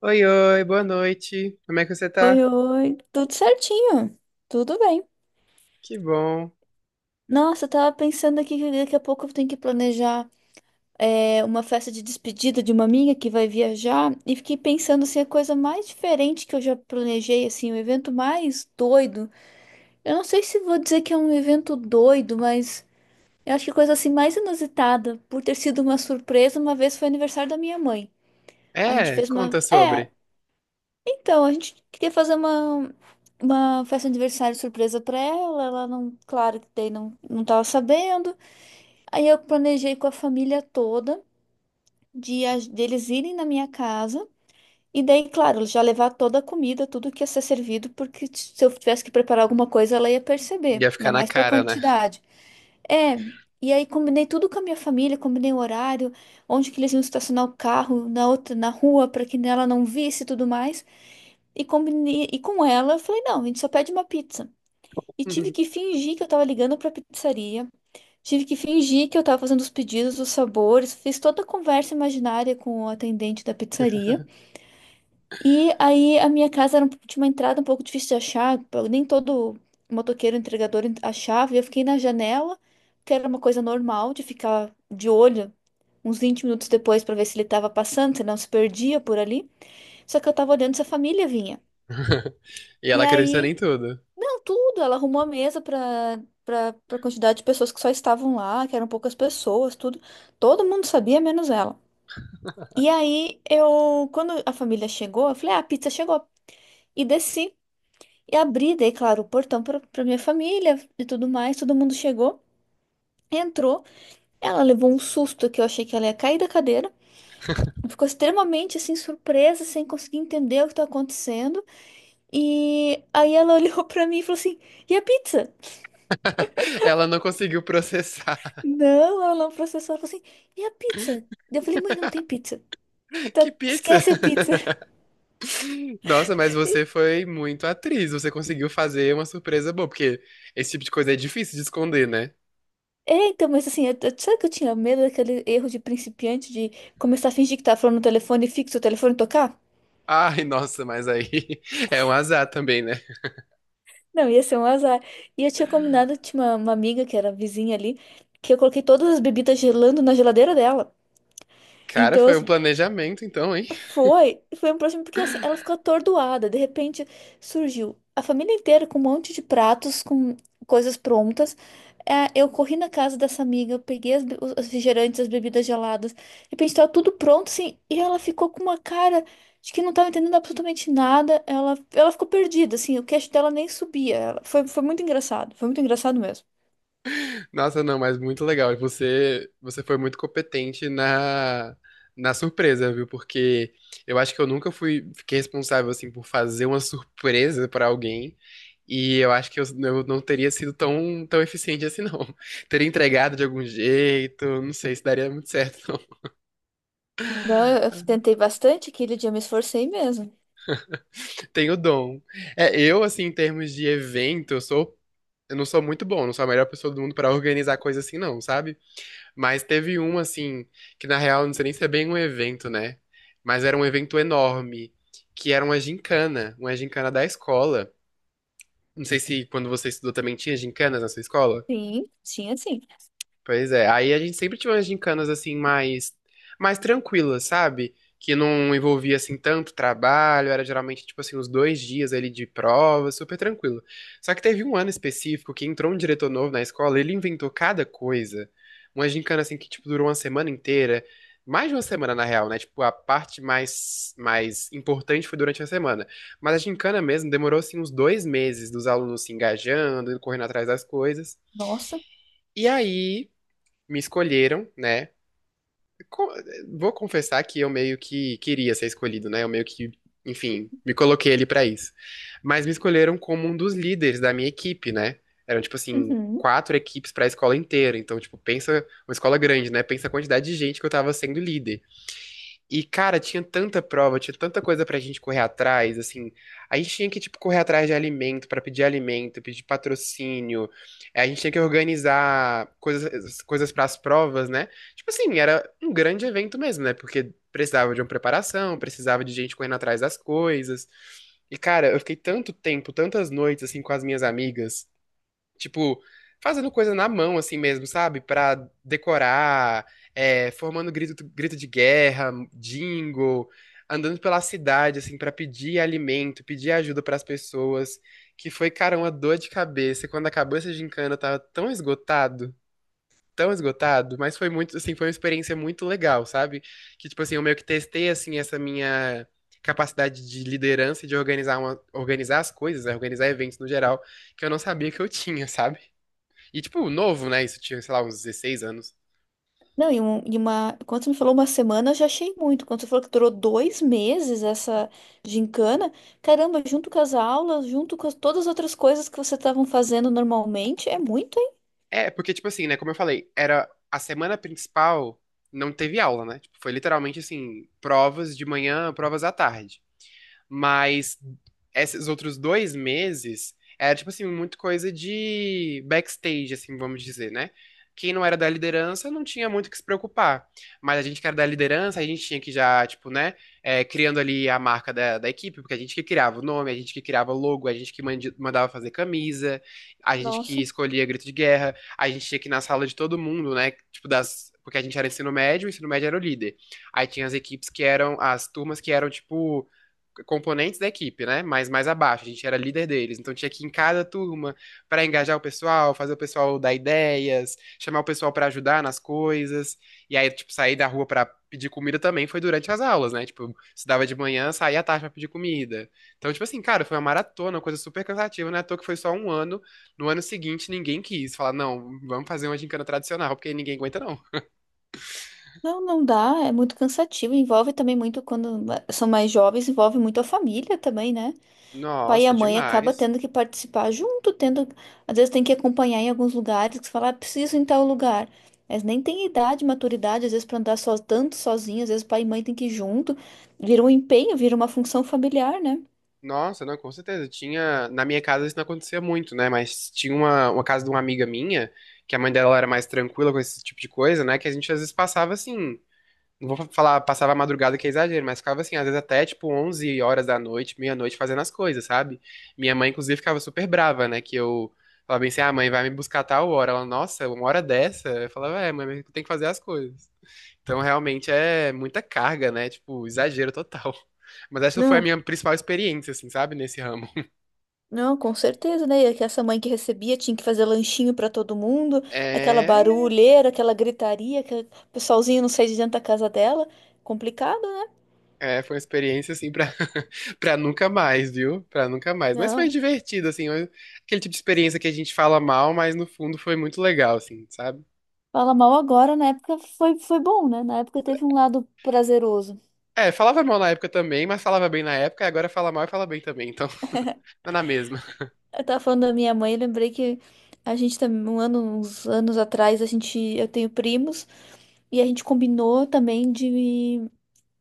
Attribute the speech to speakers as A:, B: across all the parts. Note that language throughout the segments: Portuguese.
A: Oi, oi, boa noite. Como é que você
B: Oi,
A: tá?
B: oi. Tudo certinho. Tudo bem.
A: Que bom.
B: Nossa, eu tava pensando aqui que daqui a pouco eu tenho que planejar uma festa de despedida de uma amiga que vai viajar. E fiquei pensando assim, a coisa mais diferente que eu já planejei, assim, o evento mais doido. Eu não sei se vou dizer que é um evento doido, mas eu acho que a coisa assim mais inusitada, por ter sido uma surpresa, uma vez foi aniversário da minha mãe. A gente
A: É,
B: fez uma.
A: conta
B: É,
A: sobre.
B: Então, a gente queria fazer uma festa de aniversário surpresa pra ela. Ela não, claro que daí não tava sabendo. Aí eu planejei com a família toda de deles irem na minha casa. E daí, claro, já levar toda a comida, tudo que ia ser servido, porque se eu tivesse que preparar alguma coisa, ela ia perceber,
A: Ia
B: ainda
A: ficar na
B: mais pra
A: cara, né?
B: quantidade. É, e aí combinei tudo com a minha família, combinei o horário, onde que eles iam estacionar o carro, na outra, na rua, para que ela não visse e tudo mais. E combinei, e com ela, eu falei, não, a gente só pede uma pizza. E tive que fingir que eu tava ligando pra pizzaria, tive que fingir que eu tava fazendo os pedidos, os sabores, fiz toda a conversa imaginária com o atendente da pizzaria. E aí a minha casa era um, tinha uma entrada um pouco difícil de achar, pô, nem todo motoqueiro, entregador achava, e eu fiquei na janela, que era uma coisa normal de ficar de olho. Uns 20 minutos depois pra ver se ele tava passando, se não se perdia por ali. Só que eu tava olhando se a família vinha.
A: E
B: E
A: ela acreditando em
B: aí.
A: tudo.
B: Não, tudo. Ela arrumou a mesa para para quantidade de pessoas que só estavam lá, que eram poucas pessoas, tudo. Todo mundo sabia, menos ela. E aí eu, quando a família chegou, eu falei: "Ah, a pizza chegou". E desci e abri, dei, claro, o portão para minha família e tudo mais. Todo mundo chegou, entrou. Ela levou um susto que eu achei que ela ia cair da cadeira. Ficou extremamente assim surpresa, sem conseguir entender o que tá acontecendo. E aí ela olhou para mim e falou assim: "E a pizza?"
A: Ela não conseguiu processar.
B: Não, ela não processou. Ela falou assim, e a pizza? Eu falei, mãe, não tem pizza.
A: Que
B: Tá,
A: pizza!
B: esquece a pizza.
A: Nossa, mas você foi muito atriz. Você conseguiu fazer uma surpresa boa, porque esse tipo de coisa é difícil de esconder, né?
B: Então, mas assim, eu, sabe que eu tinha medo daquele erro de principiante de começar a fingir que tá falando no telefone fixo, o telefone tocar?
A: Ai, nossa, mas aí é um azar também, né?
B: Não, ia ser um azar. E eu tinha combinado, tinha uma amiga que era vizinha ali, que eu coloquei todas as bebidas gelando na geladeira dela.
A: Cara,
B: Então,
A: foi um
B: as
A: planejamento, então, hein?
B: Foi um problema porque assim, ela ficou atordoada. De repente surgiu a família inteira com um monte de pratos, com coisas prontas. Eu corri na casa dessa amiga, eu peguei as, be- os refrigerantes, as bebidas geladas. De repente tava tudo pronto, assim, e ela ficou com uma cara de que não tava entendendo absolutamente nada. Ela ficou perdida, assim, o queixo dela nem subia. Foi muito engraçado, foi muito engraçado mesmo.
A: Nossa, não, mas muito legal. E você foi muito competente na surpresa, viu? Porque eu acho que eu nunca fiquei responsável assim por fazer uma surpresa pra alguém. E eu acho que eu não teria sido tão, tão eficiente assim, não. Teria entregado de algum jeito, não sei se daria muito certo, não.
B: Não, eu tentei bastante, aquele dia eu me esforcei mesmo.
A: Tenho dom. É, eu, assim, em termos de evento, eu não sou muito bom, não sou a melhor pessoa do mundo pra organizar coisa assim, não, sabe? Mas teve um, assim, que na real, não sei nem se é bem um evento, né? Mas era um evento enorme, que era uma gincana da escola. Não sei se quando você estudou também tinha gincanas na sua escola.
B: Sim, sim, assim.
A: Pois é, aí a gente sempre tinha umas gincanas assim mais tranquilas, sabe? Que não envolvia assim tanto trabalho, era geralmente tipo assim uns 2 dias ali de prova, super tranquilo. Só que teve um ano específico que entrou um diretor novo na escola, ele inventou cada coisa. Uma gincana assim que tipo durou uma semana inteira, mais de uma semana na real, né? Tipo a parte mais importante foi durante a semana, mas a gincana mesmo demorou assim uns 2 meses dos alunos se engajando, correndo atrás das coisas.
B: Nossa.
A: E aí me escolheram, né? Co- Vou confessar que eu meio que queria ser escolhido, né? Eu meio que, enfim, me coloquei ali pra isso. Mas me escolheram como um dos líderes da minha equipe, né? Eram, tipo assim,
B: Uhum.
A: quatro equipes pra escola inteira. Então, tipo, pensa, uma escola grande, né? Pensa a quantidade de gente que eu tava sendo líder. E, cara, tinha tanta prova, tinha tanta coisa pra gente correr atrás, assim. A gente tinha que, tipo, correr atrás de alimento, pra pedir alimento, pedir patrocínio. A gente tinha que organizar coisas para as provas, né? Tipo assim, era um grande evento mesmo, né? Porque precisava de uma preparação, precisava de gente correndo atrás das coisas. E, cara, eu fiquei tanto tempo, tantas noites, assim, com as minhas amigas, tipo, fazendo coisa na mão, assim mesmo, sabe? Pra decorar, é, formando grito de guerra, jingle, andando pela cidade, assim, pra pedir alimento, pedir ajuda pras pessoas. Que foi, cara, uma dor de cabeça. Quando acabou essa gincana, eu tava tão esgotado, mas foi muito, assim, foi uma experiência muito legal, sabe? Que, tipo assim, eu meio que testei, assim, essa minha capacidade de liderança e de organizar as coisas, né? Organizar eventos no geral, que eu não sabia que eu tinha, sabe? E, tipo, novo, né? Isso eu tinha, sei lá, uns 16 anos.
B: Não, e, uma. Quando você me falou uma semana, eu já achei muito. Quando você falou que durou 2 meses essa gincana, caramba, junto com as aulas, junto com todas as outras coisas que vocês estavam fazendo normalmente, é muito, hein?
A: É, porque, tipo assim, né? Como eu falei, era a semana principal, não teve aula, né? Tipo, foi literalmente assim, provas de manhã, provas à tarde. Mas esses outros 2 meses era, tipo assim, muito coisa de backstage, assim, vamos dizer, né? Quem não era da liderança não tinha muito o que se preocupar. Mas a gente que era da liderança, a gente tinha que já, tipo, né, criando ali a marca da equipe, porque a gente que criava o nome, a gente que criava o logo, a gente que mandava fazer camisa, a gente que
B: Nossa.
A: escolhia grito de guerra, a gente tinha que ir na sala de todo mundo, né, tipo, das. Porque a gente era ensino médio, o ensino médio era o líder. Aí tinha as equipes que eram, as turmas que eram, tipo, componentes da equipe, né? Mas mais abaixo, a gente era líder deles. Então tinha que ir em cada turma para engajar o pessoal, fazer o pessoal dar ideias, chamar o pessoal para ajudar nas coisas. E aí, tipo, sair da rua para pedir comida também foi durante as aulas, né? Tipo, estudava de manhã, saía à tarde pra pedir comida. Então, tipo assim, cara, foi uma maratona, uma coisa super cansativa, né? À toa que foi só um ano. No ano seguinte, ninguém quis falar, não, vamos fazer uma gincana tradicional, porque ninguém aguenta, não.
B: Não, não dá, é muito cansativo. Envolve também muito, quando são mais jovens, envolve muito a família também, né? Pai e a
A: Nossa,
B: mãe acaba
A: demais.
B: tendo que participar junto, tendo, às vezes tem que acompanhar em alguns lugares, que falar, ah, preciso ir em tal lugar. Mas nem tem idade, maturidade, às vezes para andar só, tanto sozinho, às vezes pai e mãe tem que ir junto. Vira um empenho, vira uma função familiar, né?
A: Nossa, não, com certeza. Tinha, na minha casa isso não acontecia muito, né? Mas tinha uma casa de uma amiga minha, que a mãe dela era mais tranquila com esse tipo de coisa, né? Que a gente às vezes passava assim, não vou falar passava a madrugada que é exagero, mas ficava assim, às vezes até tipo 11 horas da noite, meia-noite fazendo as coisas, sabe? Minha mãe inclusive ficava super brava, né? Que eu falava bem assim: "Ah, mãe, vai me buscar a tal hora". Ela, nossa, uma hora dessa? Eu falava: "É, mãe, mas eu tenho que fazer as coisas". Então, realmente é muita carga, né? Tipo, exagero total. Mas essa foi a
B: Não,
A: minha principal experiência, assim, sabe? Nesse ramo.
B: não, com certeza, né? E é que essa mãe que recebia tinha que fazer lanchinho para todo mundo, aquela
A: É,
B: barulheira, aquela gritaria, que o pessoalzinho não sai de dentro da casa dela. Complicado, né?
A: é, foi uma experiência, assim, pra, pra nunca mais, viu? Pra nunca mais. Mas foi
B: Não.
A: divertido, assim. Aquele tipo de experiência que a gente fala mal, mas no fundo foi muito legal, assim, sabe?
B: Fala mal agora, na época foi bom, né? Na época teve um lado prazeroso.
A: É, falava mal na época também, mas falava bem na época, e agora fala mal e fala bem também, então tá na mesma.
B: Eu tava falando da minha mãe, eu lembrei que a gente tá um ano, uns anos atrás, a gente, eu tenho primos e a gente combinou também de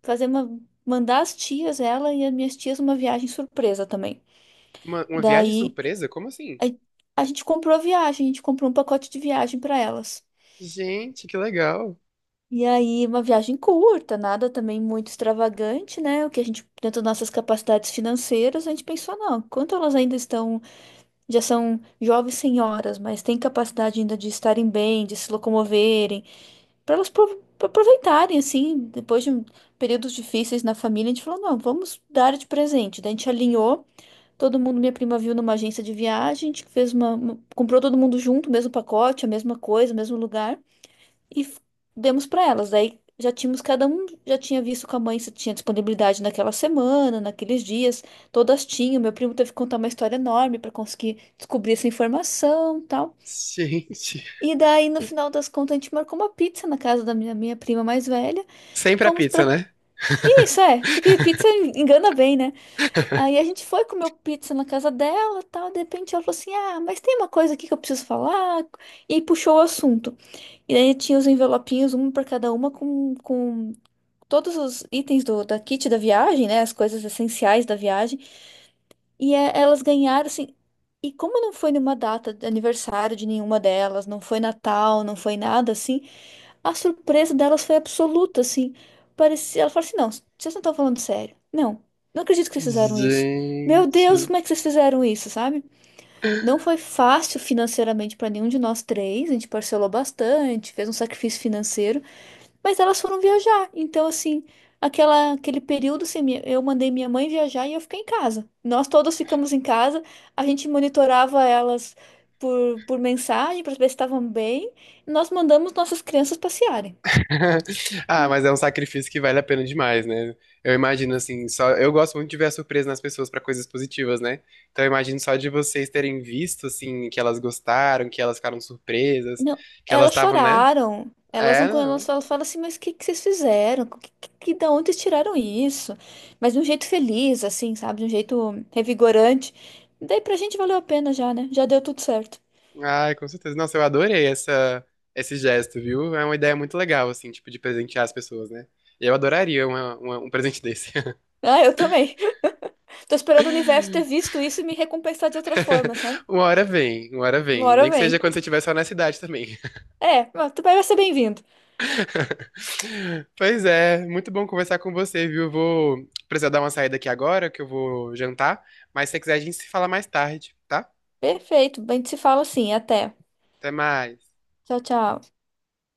B: fazer uma mandar as tias, ela e as minhas tias uma viagem surpresa também.
A: Uma viagem
B: Daí
A: surpresa? Como assim?
B: a, a gente comprou a viagem, a gente comprou um pacote de viagem para elas.
A: Gente, que legal.
B: E aí uma viagem curta, nada também muito extravagante, né? O que a gente, dentro das nossas capacidades financeiras, a gente pensou, não, quanto elas ainda estão já são jovens senhoras, mas têm capacidade ainda de estarem bem, de se locomoverem, para elas aproveitarem, assim, depois de períodos difíceis na família, a gente falou, não, vamos dar de presente. Daí a gente alinhou, todo mundo, minha prima viu numa agência de viagem, a gente comprou todo mundo junto, o mesmo pacote, a mesma coisa, o mesmo lugar e demos para elas. Daí já tínhamos, cada um já tinha visto com a mãe se tinha disponibilidade naquela semana, naqueles dias, todas tinham. Meu primo teve que contar uma história enorme para conseguir descobrir essa informação, tal.
A: Gente.
B: E daí no final das contas a gente marcou uma pizza na casa da minha prima mais velha.
A: Sempre a
B: Fomos
A: pizza,
B: para
A: né?
B: Isso é, porque pizza engana bem, né? Aí a gente foi comer pizza na casa dela, tal, de repente ela falou assim: "Ah, mas tem uma coisa aqui que eu preciso falar". E puxou o assunto. E daí tinha os envelopinhos, um para cada uma, com todos os itens da kit da viagem, né? As coisas essenciais da viagem. E elas ganharam, assim. E como não foi numa data de aniversário de nenhuma delas, não foi Natal, não foi nada assim, a surpresa delas foi absoluta, assim. Parecia, ela falou assim: não, vocês não estão falando sério. Não, não acredito que vocês fizeram isso. Meu Deus,
A: Gente.
B: como é que vocês fizeram isso, sabe? Não foi fácil financeiramente para nenhum de nós três, a gente parcelou bastante, fez um sacrifício financeiro. Mas elas foram viajar. Então, assim, aquele período, assim, eu mandei minha mãe viajar e eu fiquei em casa. Nós todas ficamos em casa, a gente monitorava elas por mensagem para ver se estavam bem. E nós mandamos nossas crianças passearem.
A: Ah, mas é um sacrifício que vale a pena demais, né? Eu imagino assim, só eu gosto muito de ver a surpresa nas pessoas pra coisas positivas, né? Então eu imagino só de vocês terem visto assim que elas gostaram, que elas ficaram surpresas,
B: Não,
A: que elas
B: elas
A: estavam, né?
B: choraram. Elas
A: É,
B: não, elas
A: não.
B: falam assim, mas o que, que vocês fizeram? Da onde vocês tiraram isso? Mas de um jeito feliz, assim, sabe? De um jeito revigorante. Daí pra gente valeu a pena já, né? Já deu tudo certo.
A: Ai, com certeza. Nossa, eu adorei essa esse gesto, viu? É uma ideia muito legal assim, tipo de presentear as pessoas, né? Eu adoraria um presente desse.
B: Ah, eu também. Tô esperando o universo ter visto isso e me recompensar de outra forma, sabe?
A: Uma hora vem, uma hora
B: Uma
A: vem.
B: hora
A: Nem que
B: vem.
A: seja quando você estiver só na cidade também.
B: É, mas tu vai ser bem-vindo.
A: Pois é, muito bom conversar com você, viu? Vou precisar dar uma saída aqui agora, que eu vou jantar. Mas se você quiser, a gente se fala mais tarde, tá?
B: Perfeito. A gente se fala assim. Até.
A: Até mais.
B: Tchau, tchau.